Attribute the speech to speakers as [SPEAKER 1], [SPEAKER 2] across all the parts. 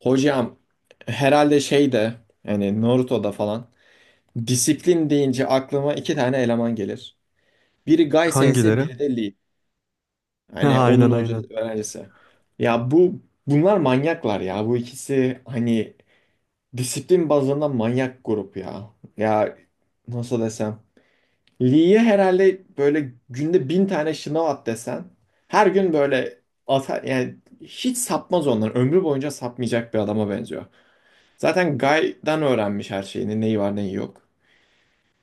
[SPEAKER 1] Hocam herhalde şeyde yani Naruto'da falan disiplin deyince aklıma iki tane eleman gelir. Biri Gai Sensei,
[SPEAKER 2] Hangileri?
[SPEAKER 1] biri de Lee. Hani onun
[SPEAKER 2] Aynen,
[SPEAKER 1] hoca
[SPEAKER 2] aynen.
[SPEAKER 1] öğrencisi. Ya bunlar manyaklar ya. Bu ikisi hani disiplin bazında manyak grup ya. Ya, nasıl desem. Lee'ye herhalde böyle günde 1.000 tane şınav at desen her gün böyle atar yani hiç sapmaz onlar. Ömrü boyunca sapmayacak bir adama benziyor. Zaten Guy'dan öğrenmiş her şeyini. Neyi var neyi yok.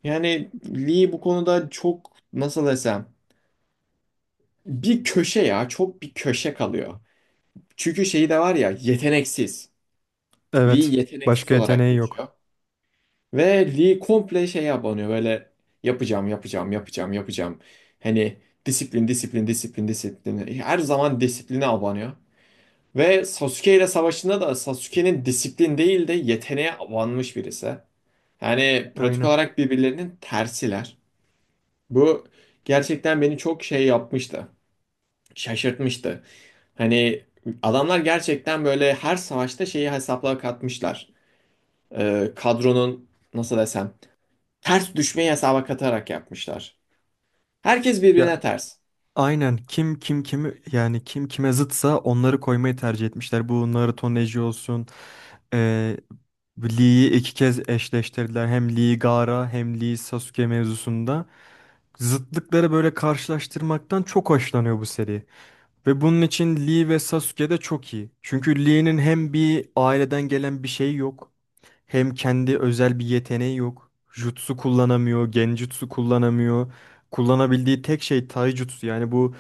[SPEAKER 1] Yani Lee bu konuda çok, nasıl desem, bir köşe ya, çok bir köşe kalıyor. Çünkü şeyi de var ya, yeteneksiz. Lee
[SPEAKER 2] Evet.
[SPEAKER 1] yeteneksiz
[SPEAKER 2] Başka
[SPEAKER 1] olarak
[SPEAKER 2] yeteneği yok.
[SPEAKER 1] geçiyor. Ve Lee komple şeye abanıyor böyle: yapacağım, yapacağım, yapacağım, yapacağım. Hani disiplin, disiplin, disiplin, disiplin. Her zaman disipline abanıyor. Ve Sasuke ile savaşında da Sasuke'nin disiplin değil de yeteneğe abanmış birisi. Yani pratik
[SPEAKER 2] Aynen.
[SPEAKER 1] olarak birbirlerinin tersiler. Bu gerçekten beni çok şey yapmıştı. Şaşırtmıştı. Hani adamlar gerçekten böyle her savaşta şeyi hesapla katmışlar. Kadronun, nasıl desem, ters düşmeyi hesaba katarak yapmışlar. Herkes
[SPEAKER 2] Ya,
[SPEAKER 1] birbirine ters.
[SPEAKER 2] aynen, kim kim kimi yani kim kime zıtsa onları koymayı tercih etmişler. Bu Naruto Neji olsun. Ee, Lee'yi iki kez eşleştirdiler. Hem Lee Gaara hem Lee Sasuke mevzusunda. Zıtlıkları böyle karşılaştırmaktan çok hoşlanıyor bu seri. Ve bunun için Lee ve Sasuke de çok iyi. Çünkü Lee'nin hem bir aileden gelen bir şey yok. Hem kendi özel bir yeteneği yok. Jutsu kullanamıyor, genjutsu kullanamıyor. Kullanabildiği tek şey taijutsu. Yani bu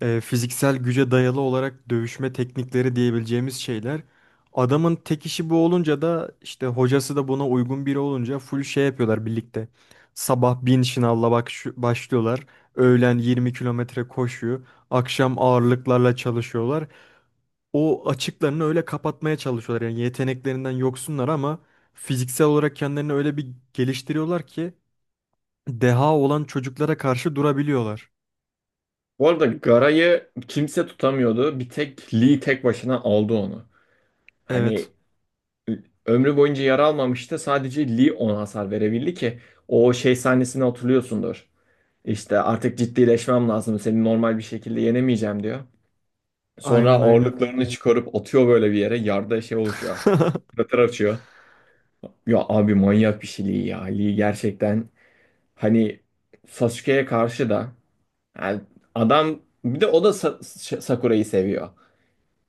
[SPEAKER 2] fiziksel güce dayalı olarak dövüşme teknikleri diyebileceğimiz şeyler. Adamın tek işi bu olunca da işte hocası da buna uygun biri olunca full şey yapıyorlar birlikte. Sabah 1000 şınavla bak başlıyorlar. Öğlen 20 kilometre koşuyor. Akşam ağırlıklarla çalışıyorlar, o açıklarını öyle kapatmaya çalışıyorlar. Yani yeteneklerinden yoksunlar ama fiziksel olarak kendilerini öyle bir geliştiriyorlar ki deha olan çocuklara karşı durabiliyorlar.
[SPEAKER 1] Bu arada Gara'yı kimse tutamıyordu. Bir tek Lee tek başına aldı onu.
[SPEAKER 2] Evet.
[SPEAKER 1] Hani ömrü boyunca yara almamıştı. Sadece Lee ona hasar verebildi ki o şey sahnesini hatırlıyorsundur. İşte artık ciddileşmem lazım. Seni normal bir şekilde yenemeyeceğim, diyor. Sonra
[SPEAKER 2] Aynen, aynen.
[SPEAKER 1] ağırlıklarını çıkarıp atıyor böyle bir yere. Yarda şey oluşuyor. Krater açıyor. Ya abi, manyak bir şey Lee ya. Lee gerçekten, hani, Sasuke'ye karşı da, yani adam bir de o da Sakura'yı seviyor.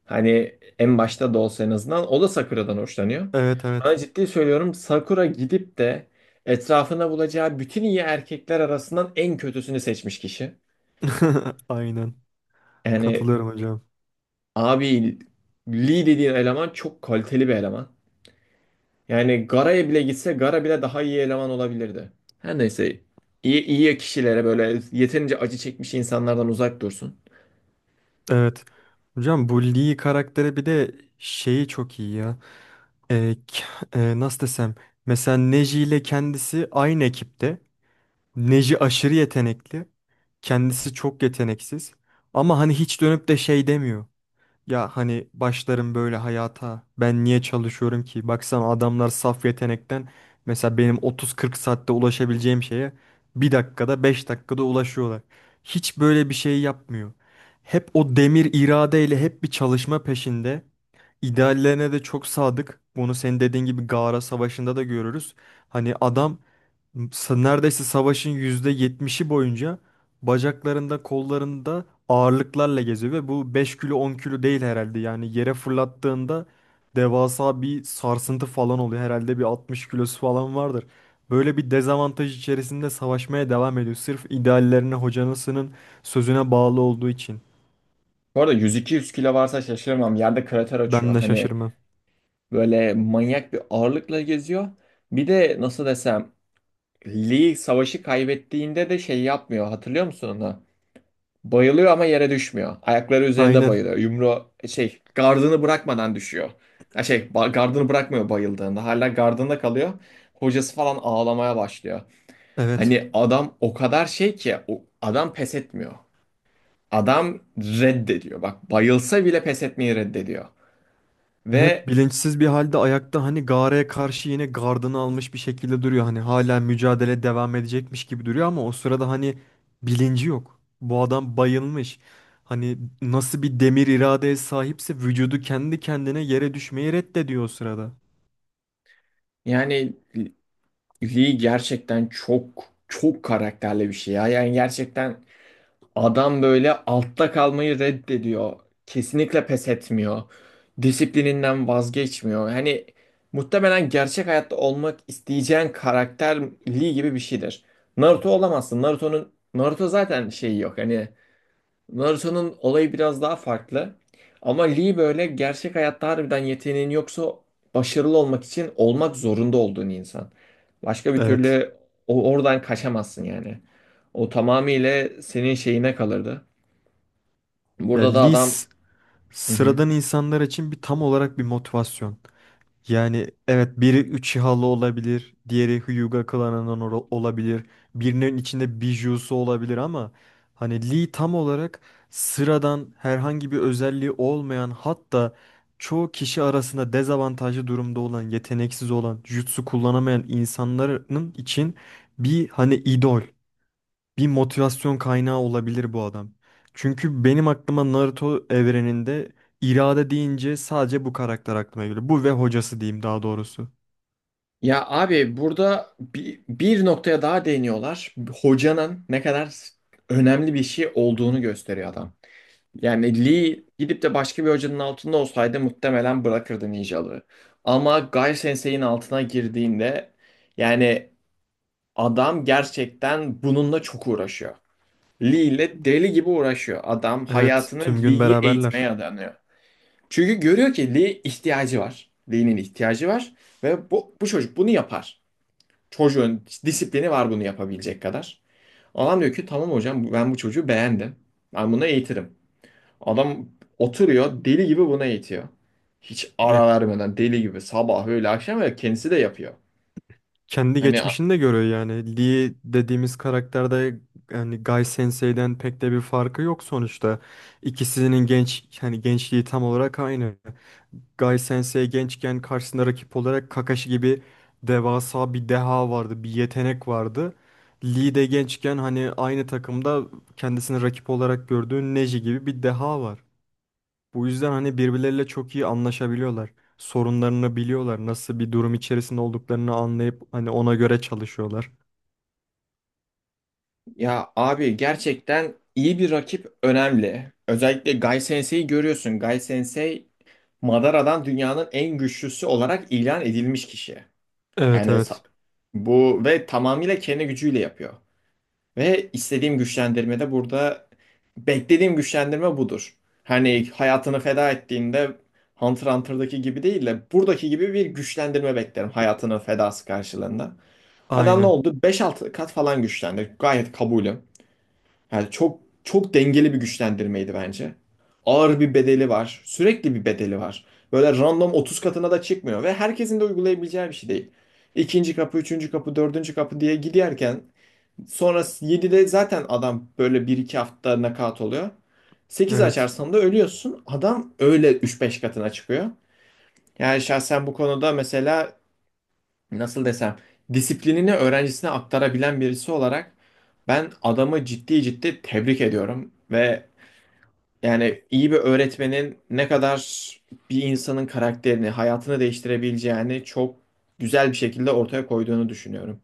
[SPEAKER 1] Hani en başta da olsa en azından o da Sakura'dan hoşlanıyor.
[SPEAKER 2] Evet, evet.
[SPEAKER 1] Sana ciddi söylüyorum, Sakura gidip de etrafına bulacağı bütün iyi erkekler arasından en kötüsünü seçmiş kişi.
[SPEAKER 2] Aynen.
[SPEAKER 1] Yani
[SPEAKER 2] Katılıyorum hocam.
[SPEAKER 1] abi, Lee dediğin eleman çok kaliteli bir eleman. Yani Gara'ya bile gitse Gara bile daha iyi eleman olabilirdi. Her neyse, iyi kişilere böyle yeterince acı çekmiş insanlardan uzak dursun.
[SPEAKER 2] Evet. Hocam, bu Lee karakteri bir de şeyi çok iyi ya. Ee, k- Nasıl desem. Mesela Neji ile kendisi aynı ekipte. Neji aşırı yetenekli. Kendisi çok yeteneksiz. Ama hani hiç dönüp de şey demiyor. Ya, hani başlarım böyle hayata. Ben niye çalışıyorum ki? Baksana, adamlar saf yetenekten mesela benim 30-40 saatte ulaşabileceğim şeye bir dakikada, 5 dakikada ulaşıyorlar. Hiç böyle bir şey yapmıyor. Hep o demir iradeyle hep bir çalışma peşinde. İdeallerine de çok sadık. Bunu senin dediğin gibi Gaara Savaşı'nda da görürüz. Hani adam neredeyse savaşın %70'i boyunca bacaklarında, kollarında ağırlıklarla geziyor ve bu 5 kilo 10 kilo değil herhalde. Yani yere fırlattığında devasa bir sarsıntı falan oluyor. Herhalde bir 60 kilosu falan vardır. Böyle bir dezavantaj içerisinde savaşmaya devam ediyor. Sırf ideallerine, hocanısının sözüne bağlı olduğu için.
[SPEAKER 1] Bu arada 100-200 kilo varsa şaşırmam. Yerde krater
[SPEAKER 2] Ben
[SPEAKER 1] açıyor.
[SPEAKER 2] de
[SPEAKER 1] Hani
[SPEAKER 2] şaşırmam.
[SPEAKER 1] böyle manyak bir ağırlıkla geziyor. Bir de nasıl desem, Lee savaşı kaybettiğinde de şey yapmıyor. Hatırlıyor musun onu? Bayılıyor ama yere düşmüyor. Ayakları üzerinde
[SPEAKER 2] Aynen.
[SPEAKER 1] bayılıyor. Yumru şey, gardını bırakmadan düşüyor. Ya şey, gardını bırakmıyor bayıldığında. Hala gardında kalıyor. Hocası falan ağlamaya başlıyor.
[SPEAKER 2] Evet.
[SPEAKER 1] Hani adam o kadar şey ki, o adam pes etmiyor. Adam reddediyor. Bak, bayılsa bile pes etmeyi reddediyor.
[SPEAKER 2] Evet,
[SPEAKER 1] Ve
[SPEAKER 2] bilinçsiz bir halde ayakta hani Gare'ye karşı yine gardını almış bir şekilde duruyor. Hani hala mücadele devam edecekmiş gibi duruyor ama o sırada hani bilinci yok. Bu adam bayılmış. Hani nasıl bir demir iradeye sahipse vücudu kendi kendine yere düşmeyi reddediyor o sırada.
[SPEAKER 1] yani Lee gerçekten çok çok karakterli bir şey ya. Yani gerçekten adam böyle altta kalmayı reddediyor. Kesinlikle pes etmiyor. Disiplininden vazgeçmiyor. Hani muhtemelen gerçek hayatta olmak isteyeceğin karakterliği gibi bir şeydir. Naruto olamazsın. Naruto'nun, Naruto zaten şeyi yok. Hani Naruto'nun olayı biraz daha farklı. Ama Lee böyle gerçek hayatta harbiden yeteneğin yoksa başarılı olmak için olmak zorunda olduğun insan. Başka bir
[SPEAKER 2] Evet.
[SPEAKER 1] türlü o oradan kaçamazsın yani. O tamamıyla senin şeyine kalırdı.
[SPEAKER 2] Ya
[SPEAKER 1] Burada da adam...
[SPEAKER 2] Liz
[SPEAKER 1] Hı hı.
[SPEAKER 2] sıradan insanlar için bir tam olarak bir motivasyon. Yani evet, biri Uchiha'lı olabilir, diğeri Hyuga klanından olabilir, birinin içinde Bijuu'su olabilir ama hani Lee tam olarak sıradan, herhangi bir özelliği olmayan, hatta çoğu kişi arasında dezavantajlı durumda olan, yeteneksiz olan, jutsu kullanamayan insanların için bir hani idol, bir motivasyon kaynağı olabilir bu adam. Çünkü benim aklıma Naruto evreninde irade deyince sadece bu karakter aklıma geliyor. Bu ve hocası diyeyim daha doğrusu.
[SPEAKER 1] Ya abi, burada bir noktaya daha değiniyorlar. Hocanın ne kadar önemli bir şey olduğunu gösteriyor adam. Yani Lee gidip de başka bir hocanın altında olsaydı muhtemelen bırakırdı ninjalığı. Ama Guy Sensei'nin altına girdiğinde, yani adam gerçekten bununla çok uğraşıyor. Lee ile deli gibi uğraşıyor. Adam
[SPEAKER 2] Evet,
[SPEAKER 1] hayatını
[SPEAKER 2] tüm gün
[SPEAKER 1] Lee'yi
[SPEAKER 2] beraberler.
[SPEAKER 1] eğitmeye adanıyor. Çünkü görüyor ki Lee ihtiyacı var. Lee'nin ihtiyacı var ve bu çocuk bunu yapar. Çocuğun disiplini var bunu yapabilecek kadar. Adam diyor ki, tamam hocam, ben bu çocuğu beğendim. Ben bunu eğitirim. Adam oturuyor, deli gibi buna eğitiyor. Hiç
[SPEAKER 2] Ya,
[SPEAKER 1] ara vermeden deli gibi sabah öğle akşam, ve kendisi de yapıyor.
[SPEAKER 2] kendi
[SPEAKER 1] Hani
[SPEAKER 2] geçmişini de görüyor yani. Lee dediğimiz karakterde yani Guy Sensei'den pek de bir farkı yok sonuçta. İkisinin genç yani gençliği tam olarak aynı. Gai Sensei gençken karşısında rakip olarak Kakashi gibi devasa bir deha vardı, bir yetenek vardı. Lee de gençken hani aynı takımda kendisini rakip olarak gördüğü Neji gibi bir deha var. Bu yüzden hani birbirleriyle çok iyi anlaşabiliyorlar. Sorunlarını biliyorlar. Nasıl bir durum içerisinde olduklarını anlayıp hani ona göre çalışıyorlar.
[SPEAKER 1] ya abi, gerçekten iyi bir rakip önemli. Özellikle Gai Sensei'yi görüyorsun. Gai Sensei Madara'dan dünyanın en güçlüsü olarak ilan edilmiş kişi.
[SPEAKER 2] Evet,
[SPEAKER 1] Yani
[SPEAKER 2] evet.
[SPEAKER 1] bu ve tamamıyla kendi gücüyle yapıyor. Ve istediğim güçlendirme de burada, beklediğim güçlendirme budur. Hani hayatını feda ettiğinde Hunter x Hunter'daki gibi değil de buradaki gibi bir güçlendirme beklerim hayatının fedası karşılığında. Adam ne
[SPEAKER 2] Aynen.
[SPEAKER 1] oldu? 5-6 kat falan güçlendi. Gayet kabulüm. Yani çok çok dengeli bir güçlendirmeydi bence. Ağır bir bedeli var. Sürekli bir bedeli var. Böyle random 30 katına da çıkmıyor ve herkesin de uygulayabileceği bir şey değil. İkinci kapı, üçüncü kapı, dördüncü kapı diye giderken, sonra 7'de zaten adam böyle bir iki hafta nakavt oluyor. 8
[SPEAKER 2] Evet.
[SPEAKER 1] açarsan da ölüyorsun. Adam öyle 3-5 katına çıkıyor. Yani şahsen bu konuda, mesela, nasıl desem, disiplinini öğrencisine aktarabilen birisi olarak ben adamı ciddi ciddi tebrik ediyorum ve yani iyi bir öğretmenin ne kadar bir insanın karakterini, hayatını değiştirebileceğini çok güzel bir şekilde ortaya koyduğunu düşünüyorum.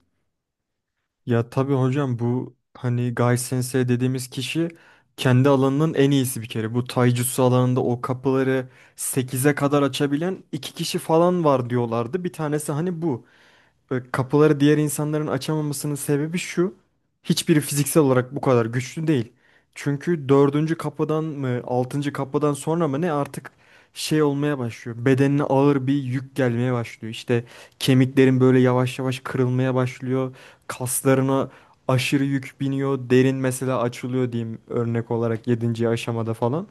[SPEAKER 2] Ya tabii hocam, bu hani Gai Sensei dediğimiz kişi kendi alanının en iyisi bir kere. Bu Taijutsu alanında o kapıları sekize kadar açabilen iki kişi falan var diyorlardı. Bir tanesi hani bu. Böyle kapıları diğer insanların açamamasının sebebi şu. Hiçbiri fiziksel olarak bu kadar güçlü değil. Çünkü dördüncü kapıdan mı, altıncı kapıdan sonra mı ne artık şey olmaya başlıyor. Bedenine ağır bir yük gelmeye başlıyor. İşte kemiklerin böyle yavaş yavaş kırılmaya başlıyor. Kaslarına aşırı yük biniyor. Derin mesela açılıyor diyeyim örnek olarak yedinci aşamada falan.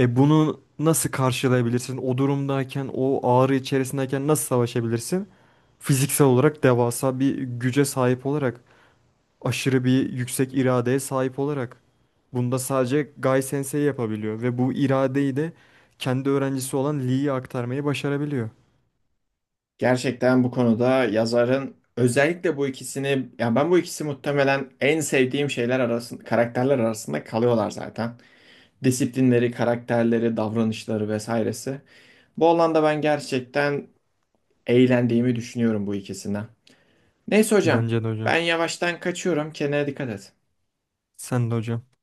[SPEAKER 2] E bunu nasıl karşılayabilirsin? O durumdayken, o ağrı içerisindeyken nasıl savaşabilirsin? Fiziksel olarak devasa bir güce sahip olarak, aşırı bir yüksek iradeye sahip olarak. Bunda sadece Gai Sensei yapabiliyor ve bu iradeyi de kendi öğrencisi olan Lee'ye aktarmayı başarabiliyor.
[SPEAKER 1] Gerçekten bu konuda yazarın özellikle bu ikisini, ya ben bu ikisi muhtemelen en sevdiğim şeyler arasında, karakterler arasında kalıyorlar zaten. Disiplinleri, karakterleri, davranışları vesairesi. Bu alanda ben gerçekten eğlendiğimi düşünüyorum bu ikisinden. Neyse hocam,
[SPEAKER 2] Bence de hocam.
[SPEAKER 1] ben yavaştan kaçıyorum. Kendine dikkat et.
[SPEAKER 2] Sen de hocam.